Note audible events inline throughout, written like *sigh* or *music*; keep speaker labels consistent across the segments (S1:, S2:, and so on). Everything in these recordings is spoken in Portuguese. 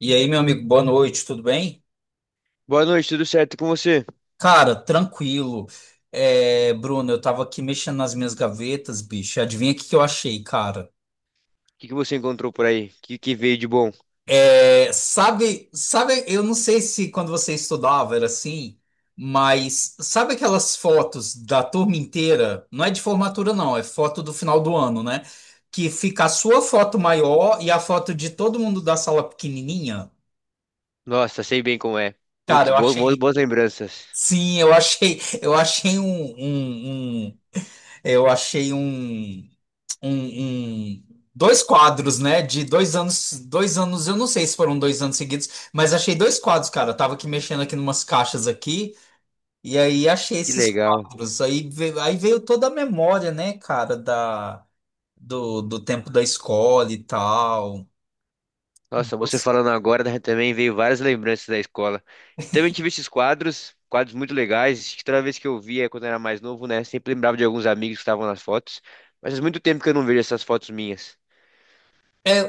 S1: E aí, meu amigo, boa noite, tudo bem?
S2: Boa noite, tudo certo com você? O
S1: Cara, tranquilo. Bruno, eu tava aqui mexendo nas minhas gavetas, bicho. Adivinha o que que eu achei, cara?
S2: que que você encontrou por aí? O que que veio de bom?
S1: Sabe, eu não sei se quando você estudava era assim, mas sabe aquelas fotos da turma inteira? Não é de formatura, não, é foto do final do ano, né? Que fica a sua foto maior e a foto de todo mundo da sala pequenininha.
S2: Nossa, sei bem como é.
S1: Cara,
S2: Putz,
S1: eu achei.
S2: boas lembranças.
S1: Sim, eu achei um, um eu achei um, um- dois quadros, né? De dois anos, eu não sei se foram dois anos seguidos, mas achei dois quadros, cara. Eu tava aqui mexendo aqui numas caixas aqui, e aí achei
S2: Que
S1: esses
S2: legal.
S1: quadros. Aí veio toda a memória, né, cara, do tempo da escola e tal.
S2: Nossa, você falando agora, né? Também veio várias lembranças da escola. Também tive esses quadros, quadros muito legais. Acho que toda vez que eu via quando era mais novo, né? Sempre lembrava de alguns amigos que estavam nas fotos. Mas faz muito tempo que eu não vejo essas fotos minhas.
S1: É,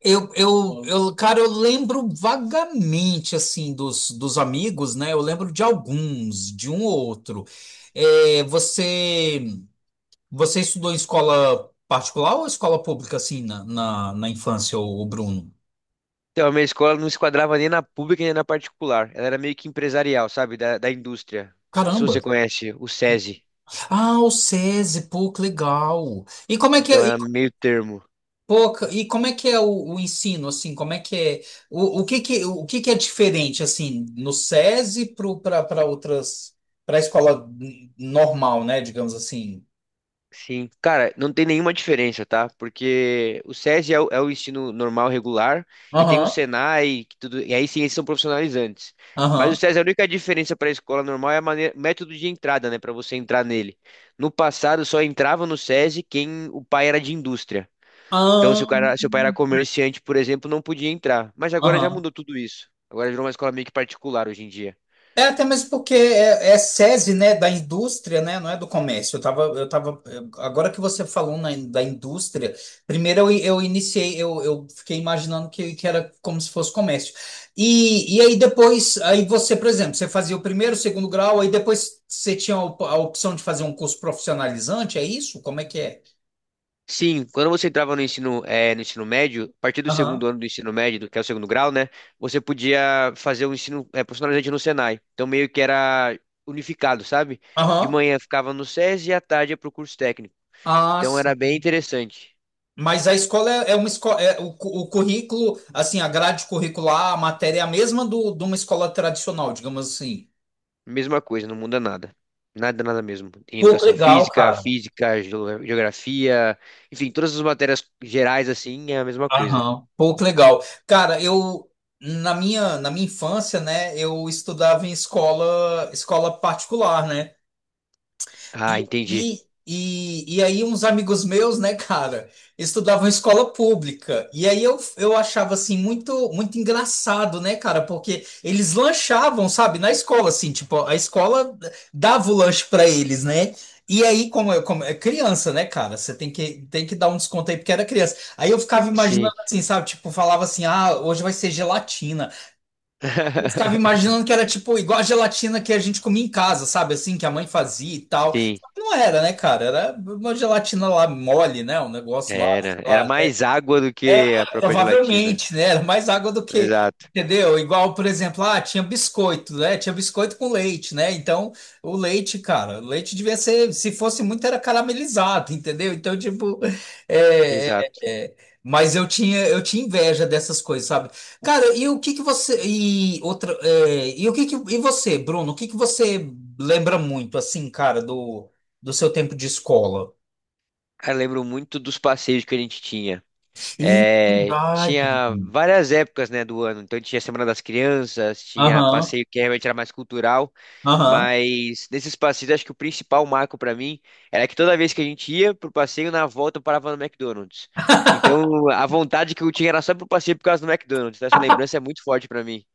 S1: eu, eu, eu, cara, eu lembro vagamente, assim, dos amigos, né? Eu lembro de alguns, de um ou outro. É, você, você estudou em escola particular ou escola pública, assim, na infância, o, Bruno?
S2: Então, a minha escola não se quadrava nem na pública nem na particular. Ela era meio que empresarial, sabe? Da indústria. Se
S1: Caramba!
S2: você conhece o SESI.
S1: Ah, o SESI, pô, que legal! E como é que, é?
S2: Então era meio termo.
S1: E como é que é o ensino, assim, como é que é, o que que é diferente, assim, no SESI para outras, para a escola normal, né, digamos assim?
S2: Sim, cara, não tem nenhuma diferença, tá? Porque o SESI é o ensino normal, regular, e tem o
S1: Aham,
S2: Senai, que tudo, e aí sim, esses são profissionalizantes. Mas o
S1: aham,
S2: SESI, a única diferença para a escola normal é a maneira, método de entrada, né? Para você entrar nele. No passado, só entrava no SESI quem o pai era de indústria. Então, se o
S1: ah
S2: cara, se o pai era comerciante, por exemplo, não podia entrar. Mas agora já
S1: aham.
S2: mudou tudo isso. Agora virou uma escola meio que particular hoje em dia.
S1: É até mesmo porque é SESI, né, da indústria, né, não é do comércio. Agora que você falou na, da indústria, primeiro eu fiquei imaginando que era como se fosse comércio. E aí depois, aí você, por exemplo, você fazia o primeiro, o segundo grau, aí depois você tinha a a opção de fazer um curso profissionalizante, é isso? Como é que é?
S2: Sim, quando você entrava no ensino, no ensino médio, a partir do segundo
S1: Aham,
S2: ano do ensino médio, que é o segundo grau, né? Você podia fazer o ensino, profissionalizante no Senai. Então, meio que era unificado, sabe? De
S1: aham.
S2: manhã ficava no SES e à tarde ia pro curso técnico.
S1: Ah,
S2: Então, era
S1: sim.
S2: bem interessante.
S1: Mas a escola é uma escola, é, o, o currículo, assim, a grade curricular, a matéria é a mesma do, de uma escola tradicional, digamos assim.
S2: Mesma coisa, não muda nada. Nada, nada mesmo. Tem
S1: Pô, que
S2: educação
S1: legal,
S2: física,
S1: cara.
S2: física, geografia, enfim, todas as matérias gerais, assim, é a mesma coisa.
S1: Aham. Pô, que legal. Cara, eu na minha infância, né, eu estudava em escola, escola particular, né? E,
S2: Ah, entendi.
S1: e aí uns amigos meus, né, cara, estudavam em escola pública. E aí eu achava, assim, muito engraçado, né, cara, porque eles lanchavam, sabe, na escola, assim, tipo, a escola dava o lanche pra eles, né? E aí, como é criança, né, cara? Você tem que dar um desconto aí, porque era criança. Aí eu ficava
S2: Sim.
S1: imaginando assim, sabe? Tipo, falava assim: ah, hoje vai ser gelatina. Eu ficava
S2: *laughs*
S1: imaginando que era tipo igual a gelatina que a gente comia em casa, sabe? Assim, que a mãe fazia e tal.
S2: Sim.
S1: Não era, né, cara? Era uma gelatina lá mole, né? Um negócio lá, sei
S2: Era, era
S1: lá,
S2: mais água do
S1: é,
S2: que a própria gelatina.
S1: provavelmente, né? Era mais água do que,
S2: Exato,
S1: entendeu? Igual, por exemplo, ah, tinha biscoito, né? Tinha biscoito com leite, né? Então, o leite, cara, o leite devia ser, se fosse muito, era caramelizado, entendeu? Então, tipo, *laughs* é,
S2: exato.
S1: é, é, mas eu tinha inveja dessas coisas, sabe? Cara, e o que que você e outra, é, e o que que e você, Bruno, o que que você lembra muito assim, cara, do seu tempo de escola?
S2: Cara, eu lembro muito dos passeios que a gente tinha.
S1: Ih,
S2: É,
S1: verdade.
S2: tinha várias épocas, né, do ano. Então tinha Semana das Crianças, tinha
S1: Aham,
S2: passeio que realmente era mais cultural,
S1: aham.
S2: mas nesses passeios acho que o principal marco pra mim era que toda vez que a gente ia pro passeio, na volta eu parava no McDonald's. Então a vontade que eu tinha era só pro passeio por causa do McDonald's. Então, essa lembrança é muito forte pra mim.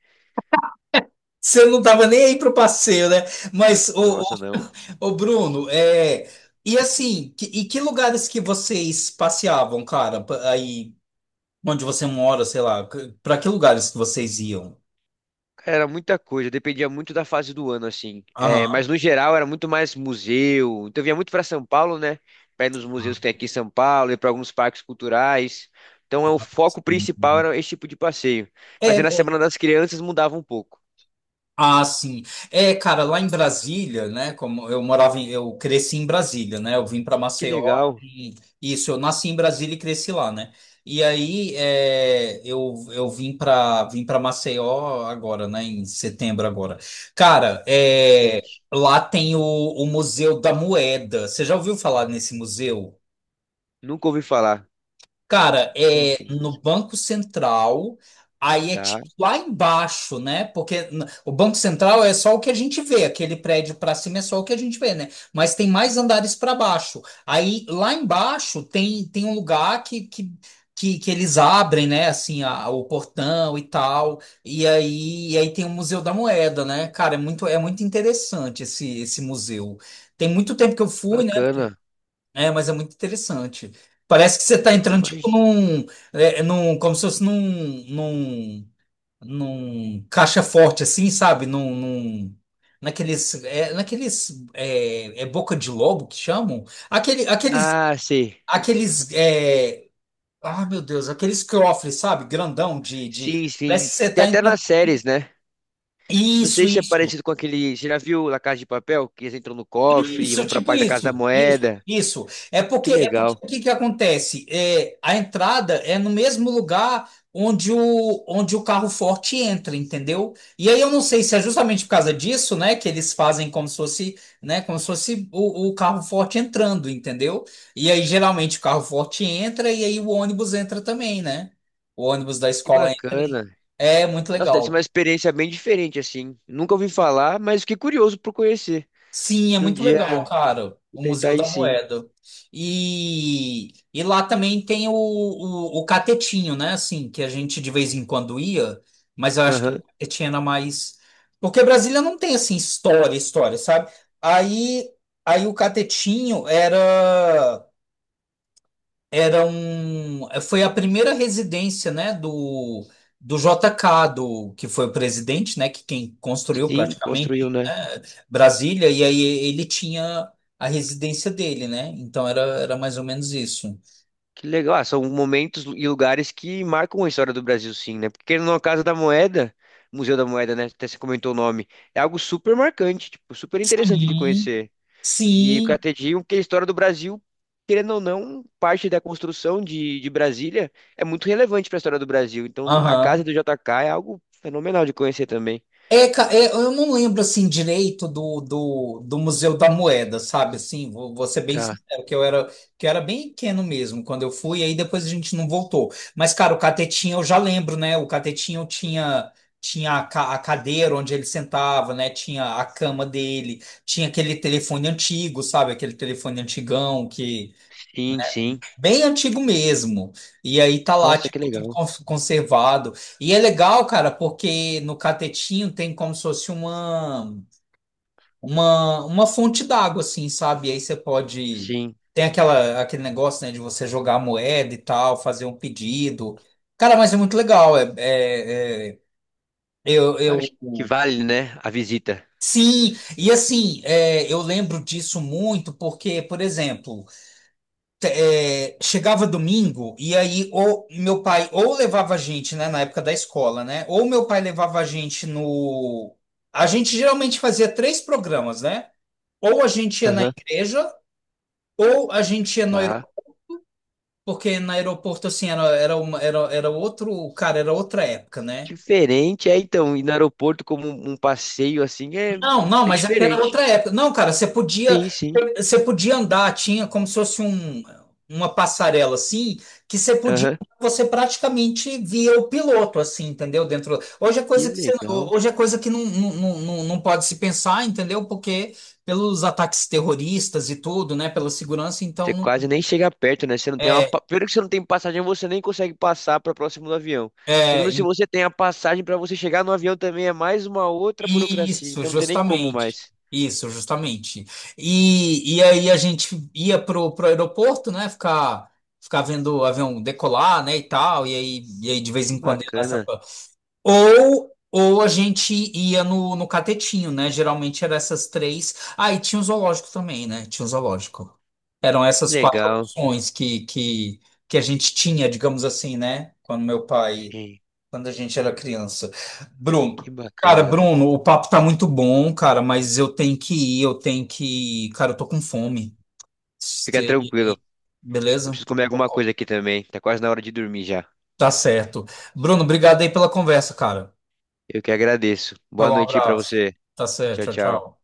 S1: Você não tava nem aí pro passeio, né? Mas, ô, ô,
S2: Nossa, não.
S1: ô, Bruno, é... E assim, e que lugares que vocês passeavam, cara? Aí, onde você mora, sei lá. Pra que lugares que vocês iam?
S2: Era muita coisa, dependia muito da fase do ano, assim. É,
S1: Aham.
S2: mas no geral era muito mais museu. Então eu vinha muito para São Paulo, né? Para ir nos
S1: Ah,
S2: museus que tem aqui em São Paulo, e para alguns parques culturais. Então é,
S1: tá,
S2: o foco
S1: sim.
S2: principal era esse tipo de passeio. Mas
S1: É,
S2: aí na Semana das Crianças mudava um pouco.
S1: Ah, sim. É, cara, lá em Brasília, né? Como eu morava em, eu cresci em Brasília, né? Eu vim para
S2: Que
S1: Maceió.
S2: legal,
S1: e- isso, eu nasci em Brasília e cresci lá, né? E aí é, eu vim para Maceió agora, né? Em setembro agora. Cara, é,
S2: Vicente.
S1: lá tem o Museu da Moeda. Você já ouviu falar nesse museu?
S2: Nunca ouvi falar.
S1: Cara,
S2: Como
S1: é no Banco Central, aí é tipo
S2: tá,
S1: lá embaixo, né? Porque o Banco Central é só o que a gente vê, aquele prédio para cima é só o que a gente vê, né? Mas tem mais andares para baixo. Aí lá embaixo tem, tem um lugar que eles abrem, né? Assim, o portão e tal. E aí tem o Museu da Moeda, né? Cara, é muito interessante esse, esse museu. Tem muito tempo que eu
S2: que
S1: fui, né?
S2: bacana.
S1: É, mas é muito interessante. Parece que você está entrando tipo
S2: Imagina.
S1: num, como se fosse num, num caixa forte assim, sabe? Naqueles, naqueles, é boca de lobo que chamam? Aquele, aqueles,
S2: Ah, sei.
S1: aqueles, é, ah, meu Deus, aqueles cofres, sabe? Grandão de,
S2: Sim,
S1: parece
S2: sim.
S1: que você
S2: Tem
S1: está
S2: até
S1: entrando.
S2: nas séries, né? Não
S1: Isso,
S2: sei se é
S1: isso.
S2: parecido com aquele. Você já viu La Casa de Papel? Que eles entram no cofre e
S1: Isso, é
S2: vão pra
S1: tipo
S2: parte da Casa da Moeda.
S1: isso.
S2: Que
S1: É porque
S2: legal.
S1: o que que acontece? É, a entrada é no mesmo lugar onde o, onde o carro forte entra, entendeu? E aí eu não sei se é justamente por causa disso, né, que eles fazem como se fosse, né, como se fosse o carro forte entrando, entendeu? E aí geralmente o carro forte entra e aí o ônibus entra também, né? O ônibus da
S2: Que
S1: escola entra.
S2: bacana.
S1: É muito
S2: Nossa, deve ser
S1: legal.
S2: uma experiência bem diferente, assim. Nunca ouvi falar, mas fiquei curioso por conhecer.
S1: Sim,
S2: Acho
S1: é
S2: que um
S1: muito
S2: dia eu
S1: legal, cara.
S2: vou
S1: O Museu
S2: tentar ir
S1: da
S2: sim.
S1: Moeda. E lá também tem o catetinho, né? Assim, que a gente de vez em quando ia, mas eu acho que
S2: Aham.
S1: o catetinho era mais. Porque Brasília não tem, assim, história, história, sabe? Aí, aí o catetinho era, era um. Foi a primeira residência, né? Do, do JK, do, que foi o presidente, né? Que quem construiu
S2: Sim, construiu,
S1: praticamente.
S2: né?
S1: Brasília, e aí ele tinha a residência dele, né? Então era, era mais ou menos isso.
S2: Que legal. Ah, são momentos e lugares que marcam a história do Brasil, sim, né? Porque na Casa da Moeda, Museu da Moeda, né? Até você comentou o nome. É algo super marcante, tipo, super interessante de
S1: Sim,
S2: conhecer. E o
S1: sim,
S2: Catedinho, que a história do Brasil, querendo ou não, parte da construção de Brasília é muito relevante para a história do Brasil. Então, a casa
S1: aham.
S2: do JK é algo fenomenal de conhecer também.
S1: É, eu não lembro assim direito do Museu da Moeda, sabe? Assim, vou ser bem
S2: Tá.
S1: sincero, que que eu era bem pequeno mesmo quando eu fui, aí depois a gente não voltou. Mas, cara, o Catetinha eu já lembro, né? O Catetinha tinha, tinha a, a cadeira onde ele sentava, né? Tinha a cama dele, tinha aquele telefone antigo, sabe? Aquele telefone antigão que,
S2: Sim, sim.
S1: bem antigo mesmo. E aí tá lá,
S2: Nossa, que
S1: tipo, tudo
S2: legal.
S1: conservado. E é legal, cara, porque no catetinho tem como se fosse uma, uma fonte d'água, assim, sabe? E aí você pode.
S2: Sim.
S1: Tem aquela, aquele negócio, né, de você jogar a moeda e tal, fazer um pedido. Cara, mas é muito legal. Eu, eu,
S2: Acho que vale, né, a visita.
S1: sim, e assim, é, eu lembro disso muito porque, por exemplo. É, chegava domingo e aí ou meu pai ou levava a gente, né, na época da escola, né? Ou meu pai levava a gente no. A gente geralmente fazia três programas, né? Ou a gente ia na
S2: Aham.
S1: igreja, ou a gente ia no
S2: Tá.
S1: aeroporto, porque no aeroporto assim era uma, era outro, cara, era outra época, né?
S2: Diferente, é então, ir no aeroporto como um um passeio assim é,
S1: Não, não,
S2: é
S1: mas é que era
S2: diferente.
S1: outra época. Não, cara,
S2: Sim, sim.
S1: você podia andar, tinha como se fosse um, uma passarela assim, que você podia,
S2: Aham.
S1: você praticamente via o piloto assim, entendeu? Dentro. Hoje é
S2: Que
S1: coisa que você,
S2: legal.
S1: hoje é coisa que não pode se pensar, entendeu? Porque pelos ataques terroristas e tudo, né, pela segurança,
S2: Você
S1: então
S2: quase nem chega perto, né? Você não tem uma.
S1: é,
S2: Primeiro que você não tem passagem, você nem consegue passar para próximo do avião. Segundo, se
S1: é,
S2: você tem a passagem para você chegar no avião também, é mais uma outra burocracia.
S1: isso,
S2: Então não tem nem como
S1: justamente.
S2: mais.
S1: Isso, justamente. E aí a gente ia pro, pro aeroporto, né? Ficar, ficar vendo o avião decolar, né? E tal. E aí de vez
S2: Que
S1: em quando ia lá essa.
S2: bacana.
S1: Ou a gente ia no, no catetinho, né? Geralmente eram essas três. Ah, e tinha o zoológico também, né? Tinha o zoológico. Eram
S2: Que
S1: essas quatro
S2: legal.
S1: opções que a gente tinha, digamos assim, né? Quando meu pai
S2: Sim,
S1: quando a gente era criança. Bruno,
S2: que bacana.
S1: Bruno, o papo tá muito bom, cara, mas eu tenho que ir, eu tenho que ir. Cara, eu tô com fome.
S2: Fica tranquilo.
S1: Se-
S2: Eu
S1: Beleza?
S2: preciso comer alguma
S1: Bocó.
S2: coisa aqui também. Tá quase na hora de dormir já.
S1: Tá certo. Bruno, obrigado aí pela conversa, cara.
S2: Eu que agradeço. Boa
S1: Falou, um
S2: noite aí pra
S1: abraço.
S2: você.
S1: Tá
S2: Tchau,
S1: certo, tchau,
S2: tchau.
S1: tchau.